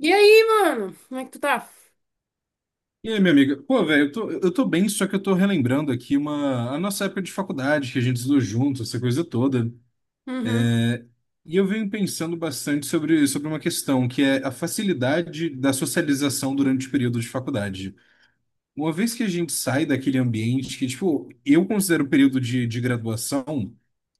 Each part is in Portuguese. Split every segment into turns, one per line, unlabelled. E aí, mano? Como é que tu tá?
E aí, minha amiga? Pô, velho, eu tô bem, só que eu tô relembrando aqui a nossa época de faculdade, que a gente estudou junto, essa coisa toda.
Uhum.
E eu venho pensando bastante sobre uma questão, que é a facilidade da socialização durante o período de faculdade. Uma vez que a gente sai daquele ambiente que, tipo, eu considero o período de graduação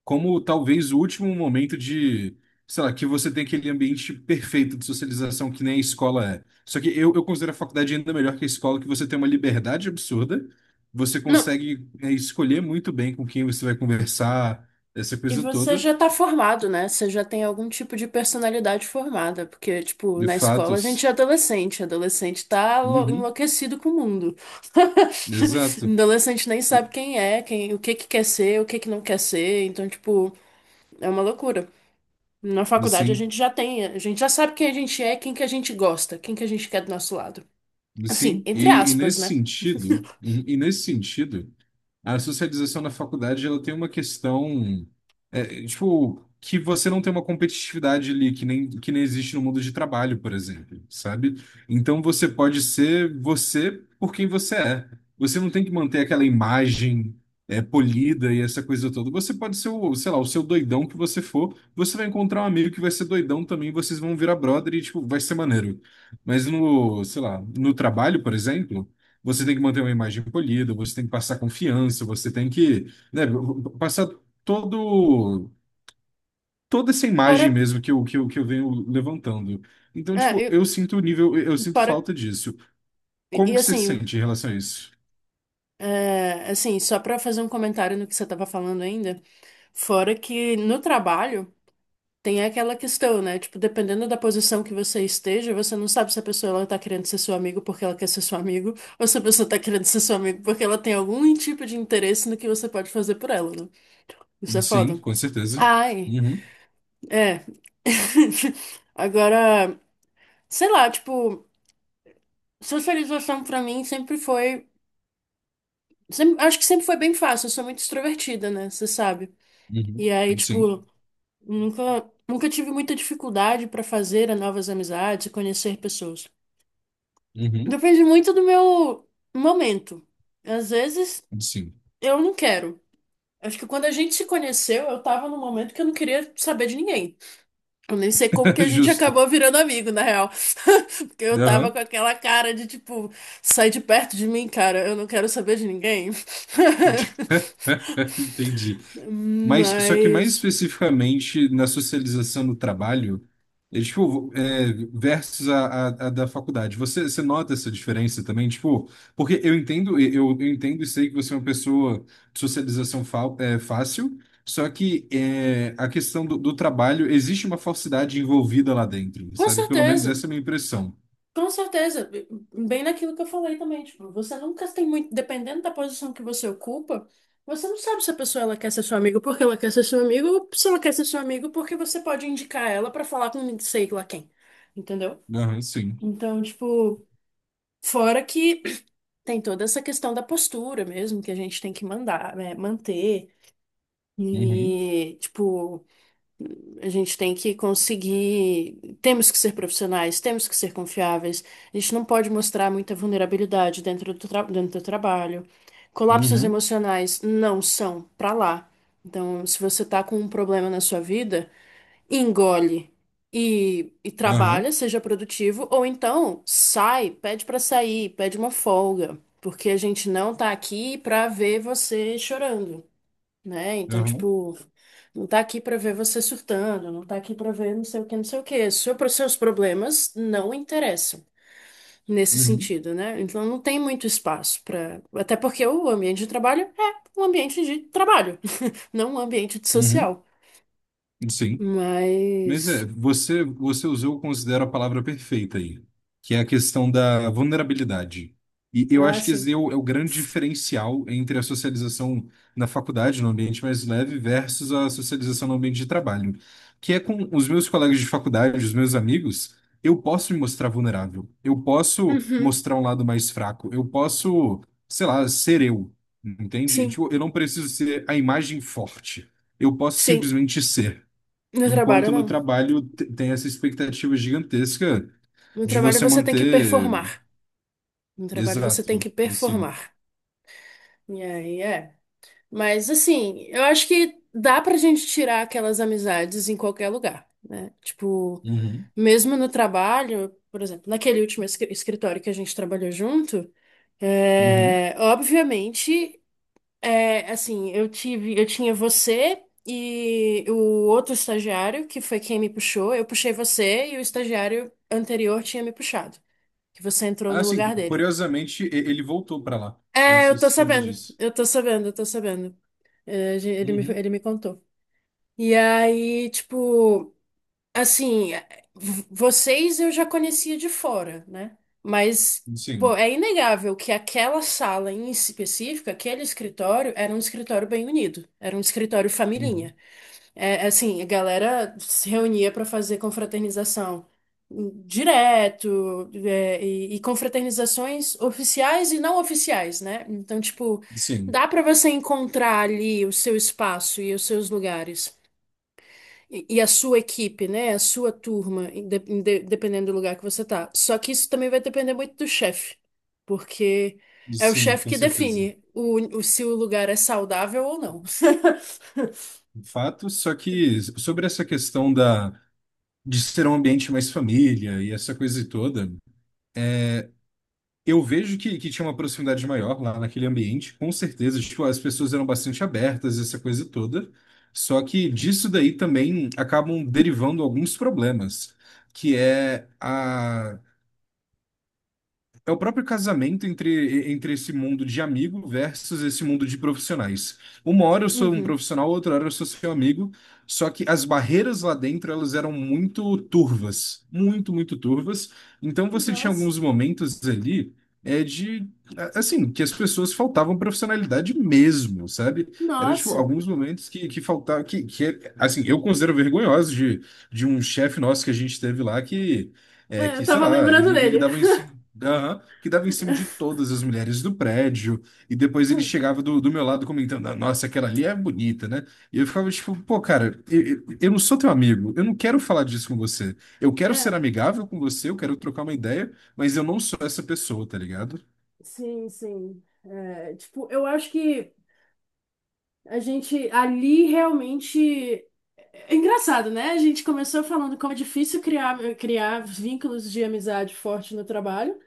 como talvez o último momento sei lá, que você tem aquele ambiente perfeito de socialização que nem a escola é. Só que eu considero a faculdade ainda melhor que a escola, que você tem uma liberdade absurda, você
Não.
consegue, é, escolher muito bem com quem você vai conversar, essa
E
coisa
você
toda,
já tá formado, né? Você já tem algum tipo de personalidade formada, porque, tipo,
de
na escola a gente é
fatos.
adolescente, adolescente
Uhum,
enlouquecido com o mundo.
exato.
Adolescente nem
E-
sabe quem é, quem, o que que quer ser, o que que não quer ser, então, tipo, é uma loucura. Na faculdade a
Sim,
gente já tem, a gente já sabe quem a gente é, quem que a gente gosta, quem que a gente quer do nosso lado. Assim,
sim.
entre
E
aspas,
nesse
né?
sentido, uhum, e nesse sentido. A socialização na faculdade, ela tem uma questão, é, tipo, que você não tem uma competitividade ali, que nem existe no mundo de trabalho, por exemplo, sabe? Então você pode ser você por quem você é. Você não tem que manter aquela imagem, é, polida e essa coisa toda. Você pode ser sei lá, o seu doidão que você for, você vai encontrar um amigo que vai ser doidão também, vocês vão virar brother e, tipo, vai ser maneiro. Mas no, sei lá, no trabalho, por exemplo. Você tem que manter uma imagem polida, você tem que passar confiança, você tem que, né, passar todo, toda essa
Fora,
imagem mesmo que eu venho levantando. Então,
é,
tipo,
eu,
eu sinto
fora,
falta disso. Como
e,
que você se
assim,
sente em relação a isso?
Assim, Só para fazer um comentário no que você estava falando ainda, fora que no trabalho tem aquela questão, né? Tipo, dependendo da posição que você esteja, você não sabe se a pessoa ela tá querendo ser seu amigo porque ela quer ser seu amigo, ou se a pessoa tá querendo ser seu amigo porque ela tem algum tipo de interesse no que você pode fazer por ela, né? Isso é
Sim,
foda.
com certeza.
Ai,
Uhum,
é. Agora, sei lá, tipo, socialização pra mim sempre foi, acho que sempre foi bem fácil, eu sou muito extrovertida, né? Você sabe. E
uhum,
aí,
sim,
tipo, Nunca tive muita dificuldade para fazer novas amizades e conhecer pessoas.
uhum,
Depende muito do meu momento. Às vezes
sim.
eu não quero. Acho que quando a gente se conheceu, eu tava num momento que eu não queria saber de ninguém. Eu nem sei como que a gente acabou
Justo.
virando amigo, na real. Porque eu tava
Aham.
com aquela cara de tipo, sai de perto de mim, cara, eu não quero saber de ninguém.
Entendi. Mas, só que mais
Mas,
especificamente na socialização do trabalho, é, tipo, versus a da faculdade. Você nota essa diferença também? Tipo, porque eu entendo, eu entendo e sei que você é uma pessoa de socialização fácil, só que a questão do trabalho, existe uma falsidade envolvida lá dentro,
com
sabe? Pelo menos
certeza.
essa é a minha impressão.
Com certeza, bem naquilo que eu falei também, tipo, você nunca tem muito, dependendo da posição que você ocupa, você não sabe se a pessoa ela quer ser seu amigo porque ela quer ser seu amigo ou se ela quer ser seu amigo porque você pode indicar ela pra falar com sei lá quem, entendeu?
Aham, sim.
Então, tipo, fora que tem toda essa questão da postura mesmo que a gente tem que mandar, né, manter
Uhum,
e, tipo, a gente tem que conseguir. Temos que ser profissionais, temos que ser confiáveis. A gente não pode mostrar muita vulnerabilidade dentro do trabalho. Colapsos
uhum,
emocionais não são pra lá. Então, se você tá com um problema na sua vida, engole e
aham,
trabalha, seja produtivo, ou então sai, pede pra sair, pede uma folga, porque a gente não tá aqui pra ver você chorando, né? Então,
aham,
tipo, não tá aqui pra ver você surtando, não tá aqui pra ver não sei o que, não sei o que. Seus problemas não interessam nesse
uhum,
sentido, né? Então, não tem muito espaço pra. Até porque o ambiente de trabalho é um ambiente de trabalho, não um ambiente de
uhum,
social.
uhum, sim. Mas
Mas,
é, você usou, eu considero a palavra perfeita aí, que é a questão da vulnerabilidade. E eu
ah,
acho que
sim.
esse é o grande diferencial entre a socialização na faculdade, no ambiente mais leve, versus a socialização no ambiente de trabalho, que é com os meus colegas de faculdade, os meus amigos, eu posso me mostrar vulnerável, eu posso
Uhum.
mostrar um lado mais fraco, eu posso, sei lá, ser eu, entende?
Sim,
Tipo, eu não preciso ser a imagem forte, eu posso
sim.
simplesmente ser.
No trabalho,
Enquanto no
não.
trabalho tem essa expectativa gigantesca
No
de
trabalho
você
você tem que
manter.
performar. No trabalho você tem
Exato,
que
assim.
performar. E aí, é. Mas assim, eu acho que dá pra gente tirar aquelas amizades em qualquer lugar, né? Tipo,
Uhum,
mesmo no trabalho, por exemplo, naquele último escritório que a gente trabalhou junto,
uhum.
é, obviamente, é, assim, eu tinha você e o outro estagiário, que foi quem me puxou, eu puxei você e o estagiário anterior tinha me puxado, que você entrou
Ah,
no
assim,
lugar dele.
curiosamente, ele voltou para lá. Não
É,
sei
eu
se
tô
você soube
sabendo,
disso.
eu tô sabendo, eu tô sabendo. É,
Uhum,
ele me contou. E aí, tipo, assim, vocês eu já conhecia de fora, né? Mas, pô,
sim,
é inegável que aquela sala em específico, aquele escritório, era um escritório bem unido, era um escritório
uhum.
familhinha. É, assim, a galera se reunia para fazer confraternização direto, é, e confraternizações oficiais e não oficiais, né? Então, tipo,
Sim,
dá para você encontrar ali o seu espaço e os seus lugares, e a sua equipe, né? A sua turma, dependendo do lugar que você tá. Só que isso também vai depender muito do chefe, porque é o
sim,
chefe
com
que
certeza.
define se o lugar é saudável ou não.
Fato, só que sobre essa questão de ser um ambiente mais família e essa coisa toda. Eu vejo que tinha uma proximidade maior lá naquele ambiente, com certeza. Tipo, as pessoas eram bastante abertas, essa coisa toda. Só que disso daí também acabam derivando alguns problemas, que é a é o próprio casamento entre esse mundo de amigo versus esse mundo de profissionais. Uma hora eu sou um
Uhum.
profissional, outra hora eu sou seu amigo, só que as barreiras lá dentro elas eram muito turvas, muito, muito turvas. Então você tinha
Nossa,
alguns momentos ali é de assim, que as pessoas faltavam profissionalidade mesmo, sabe? Era tipo
nossa.
alguns momentos que faltava que assim, eu considero vergonhoso de um chefe nosso que a gente teve lá que é
É, eu
que, sei
tava
lá,
lembrando
ele
dele.
dava em cima, aham, que dava em cima de todas as mulheres do prédio, e depois ele chegava do meu lado comentando, "Ah, nossa, aquela ali é bonita, né?" E eu ficava tipo, pô, cara, eu não sou teu amigo, eu não quero falar disso com você. Eu quero ser
É,
amigável com você, eu quero trocar uma ideia, mas eu não sou essa pessoa, tá ligado?
sim, sim. É, tipo, eu acho que a gente ali realmente é é engraçado, né? A gente começou falando como é difícil criar, criar vínculos de amizade forte no trabalho,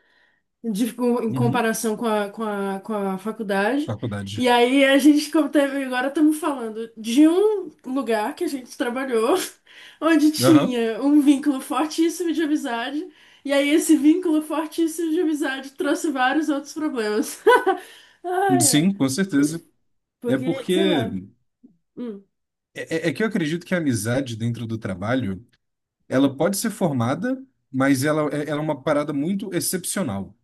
em
Uhum,
comparação com com a faculdade.
faculdade.
E aí a gente como teve- agora estamos falando de um lugar que a gente trabalhou, onde
Aham,
tinha um vínculo fortíssimo de amizade, e aí esse vínculo fortíssimo de amizade trouxe vários outros problemas. Ai, ai.
sim, com certeza. É
Porque, sei lá.
porque.
Hum.
É que eu acredito que a amizade dentro do trabalho. Ela pode ser formada, mas ela é uma parada muito excepcional,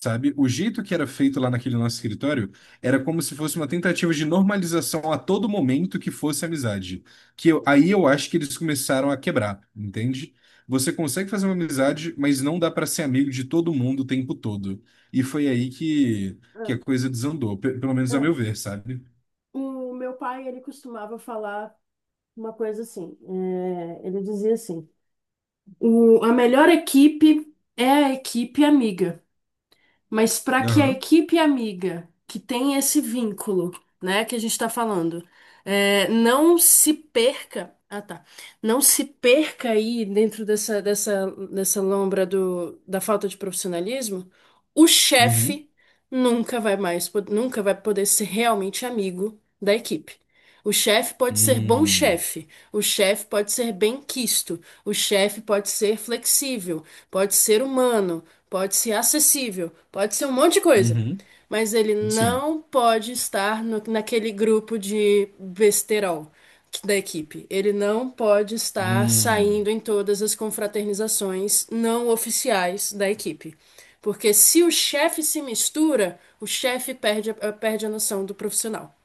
sabe? O jeito que era feito lá naquele nosso escritório era como se fosse uma tentativa de normalização a todo momento que fosse amizade. Aí eu acho que eles começaram a quebrar, entende? Você consegue fazer uma amizade, mas não dá para ser amigo de todo mundo o tempo todo. E foi aí que
Ah.
a coisa desandou, pelo menos a
É,
meu ver, sabe?
o meu pai, ele costumava falar uma coisa assim, é, ele dizia assim, "O- "a melhor equipe é a equipe amiga, mas para que a
Aham.
equipe amiga, que tem esse vínculo, né, que a gente está falando, é, não se perca, ah tá, não se perca aí dentro dessa lombra da falta de profissionalismo, o
Uhum.
chefe nunca vai poder ser realmente amigo da equipe. O chefe pode ser bom
Hum.
chefe, o chefe pode ser bem quisto, o chefe pode ser flexível, pode ser humano, pode ser acessível, pode ser um monte de coisa.
Uhum.
Mas ele
Sim.
não pode estar naquele grupo de besterol da equipe. Ele não pode estar saindo
Hum.
em todas as confraternizações não oficiais da equipe. Porque se o chefe se mistura, o chefe perde, perde a noção do profissional.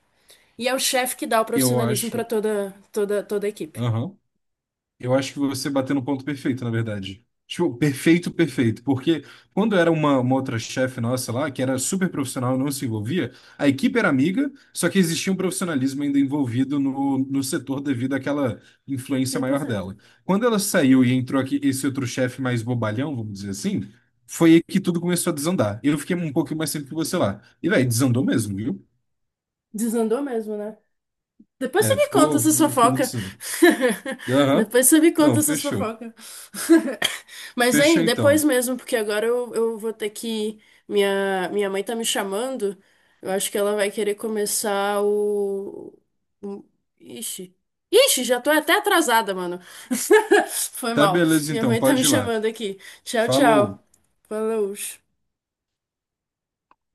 E é o chefe que dá o
Eu
profissionalismo para
acho.
toda a equipe.
Aham. Eu acho que você bateu no ponto perfeito, na verdade. Tipo, perfeito, perfeito. Porque quando era uma outra chefe nossa lá, que era super profissional, e não se envolvia, a equipe era amiga, só que existia um profissionalismo ainda envolvido no setor devido àquela
cem
influência
cem por
maior
cento.
dela. Quando ela
cem por
saiu e
cento
entrou aqui esse outro chefe mais bobalhão, vamos dizer assim, foi aí que tudo começou a desandar. Eu fiquei um pouquinho mais tempo que você lá. E, velho, desandou mesmo, viu?
Desandou mesmo, né? Depois você
É,
me conta
ficou,
essas
ficou muito
fofocas.
desandado. Aham.
Depois você me conta
Não,
essas
fechou.
fofocas. Mas,
Fechou
hein,
então.
depois mesmo, porque agora eu vou ter que. Minha mãe tá me chamando. Eu acho que ela vai querer começar o- Ixi. Ixi, já tô até atrasada, mano. Foi
Tá
mal.
beleza
Minha
então,
mãe tá me
pode ir lá.
chamando aqui. Tchau,
Falou.
tchau. Falou.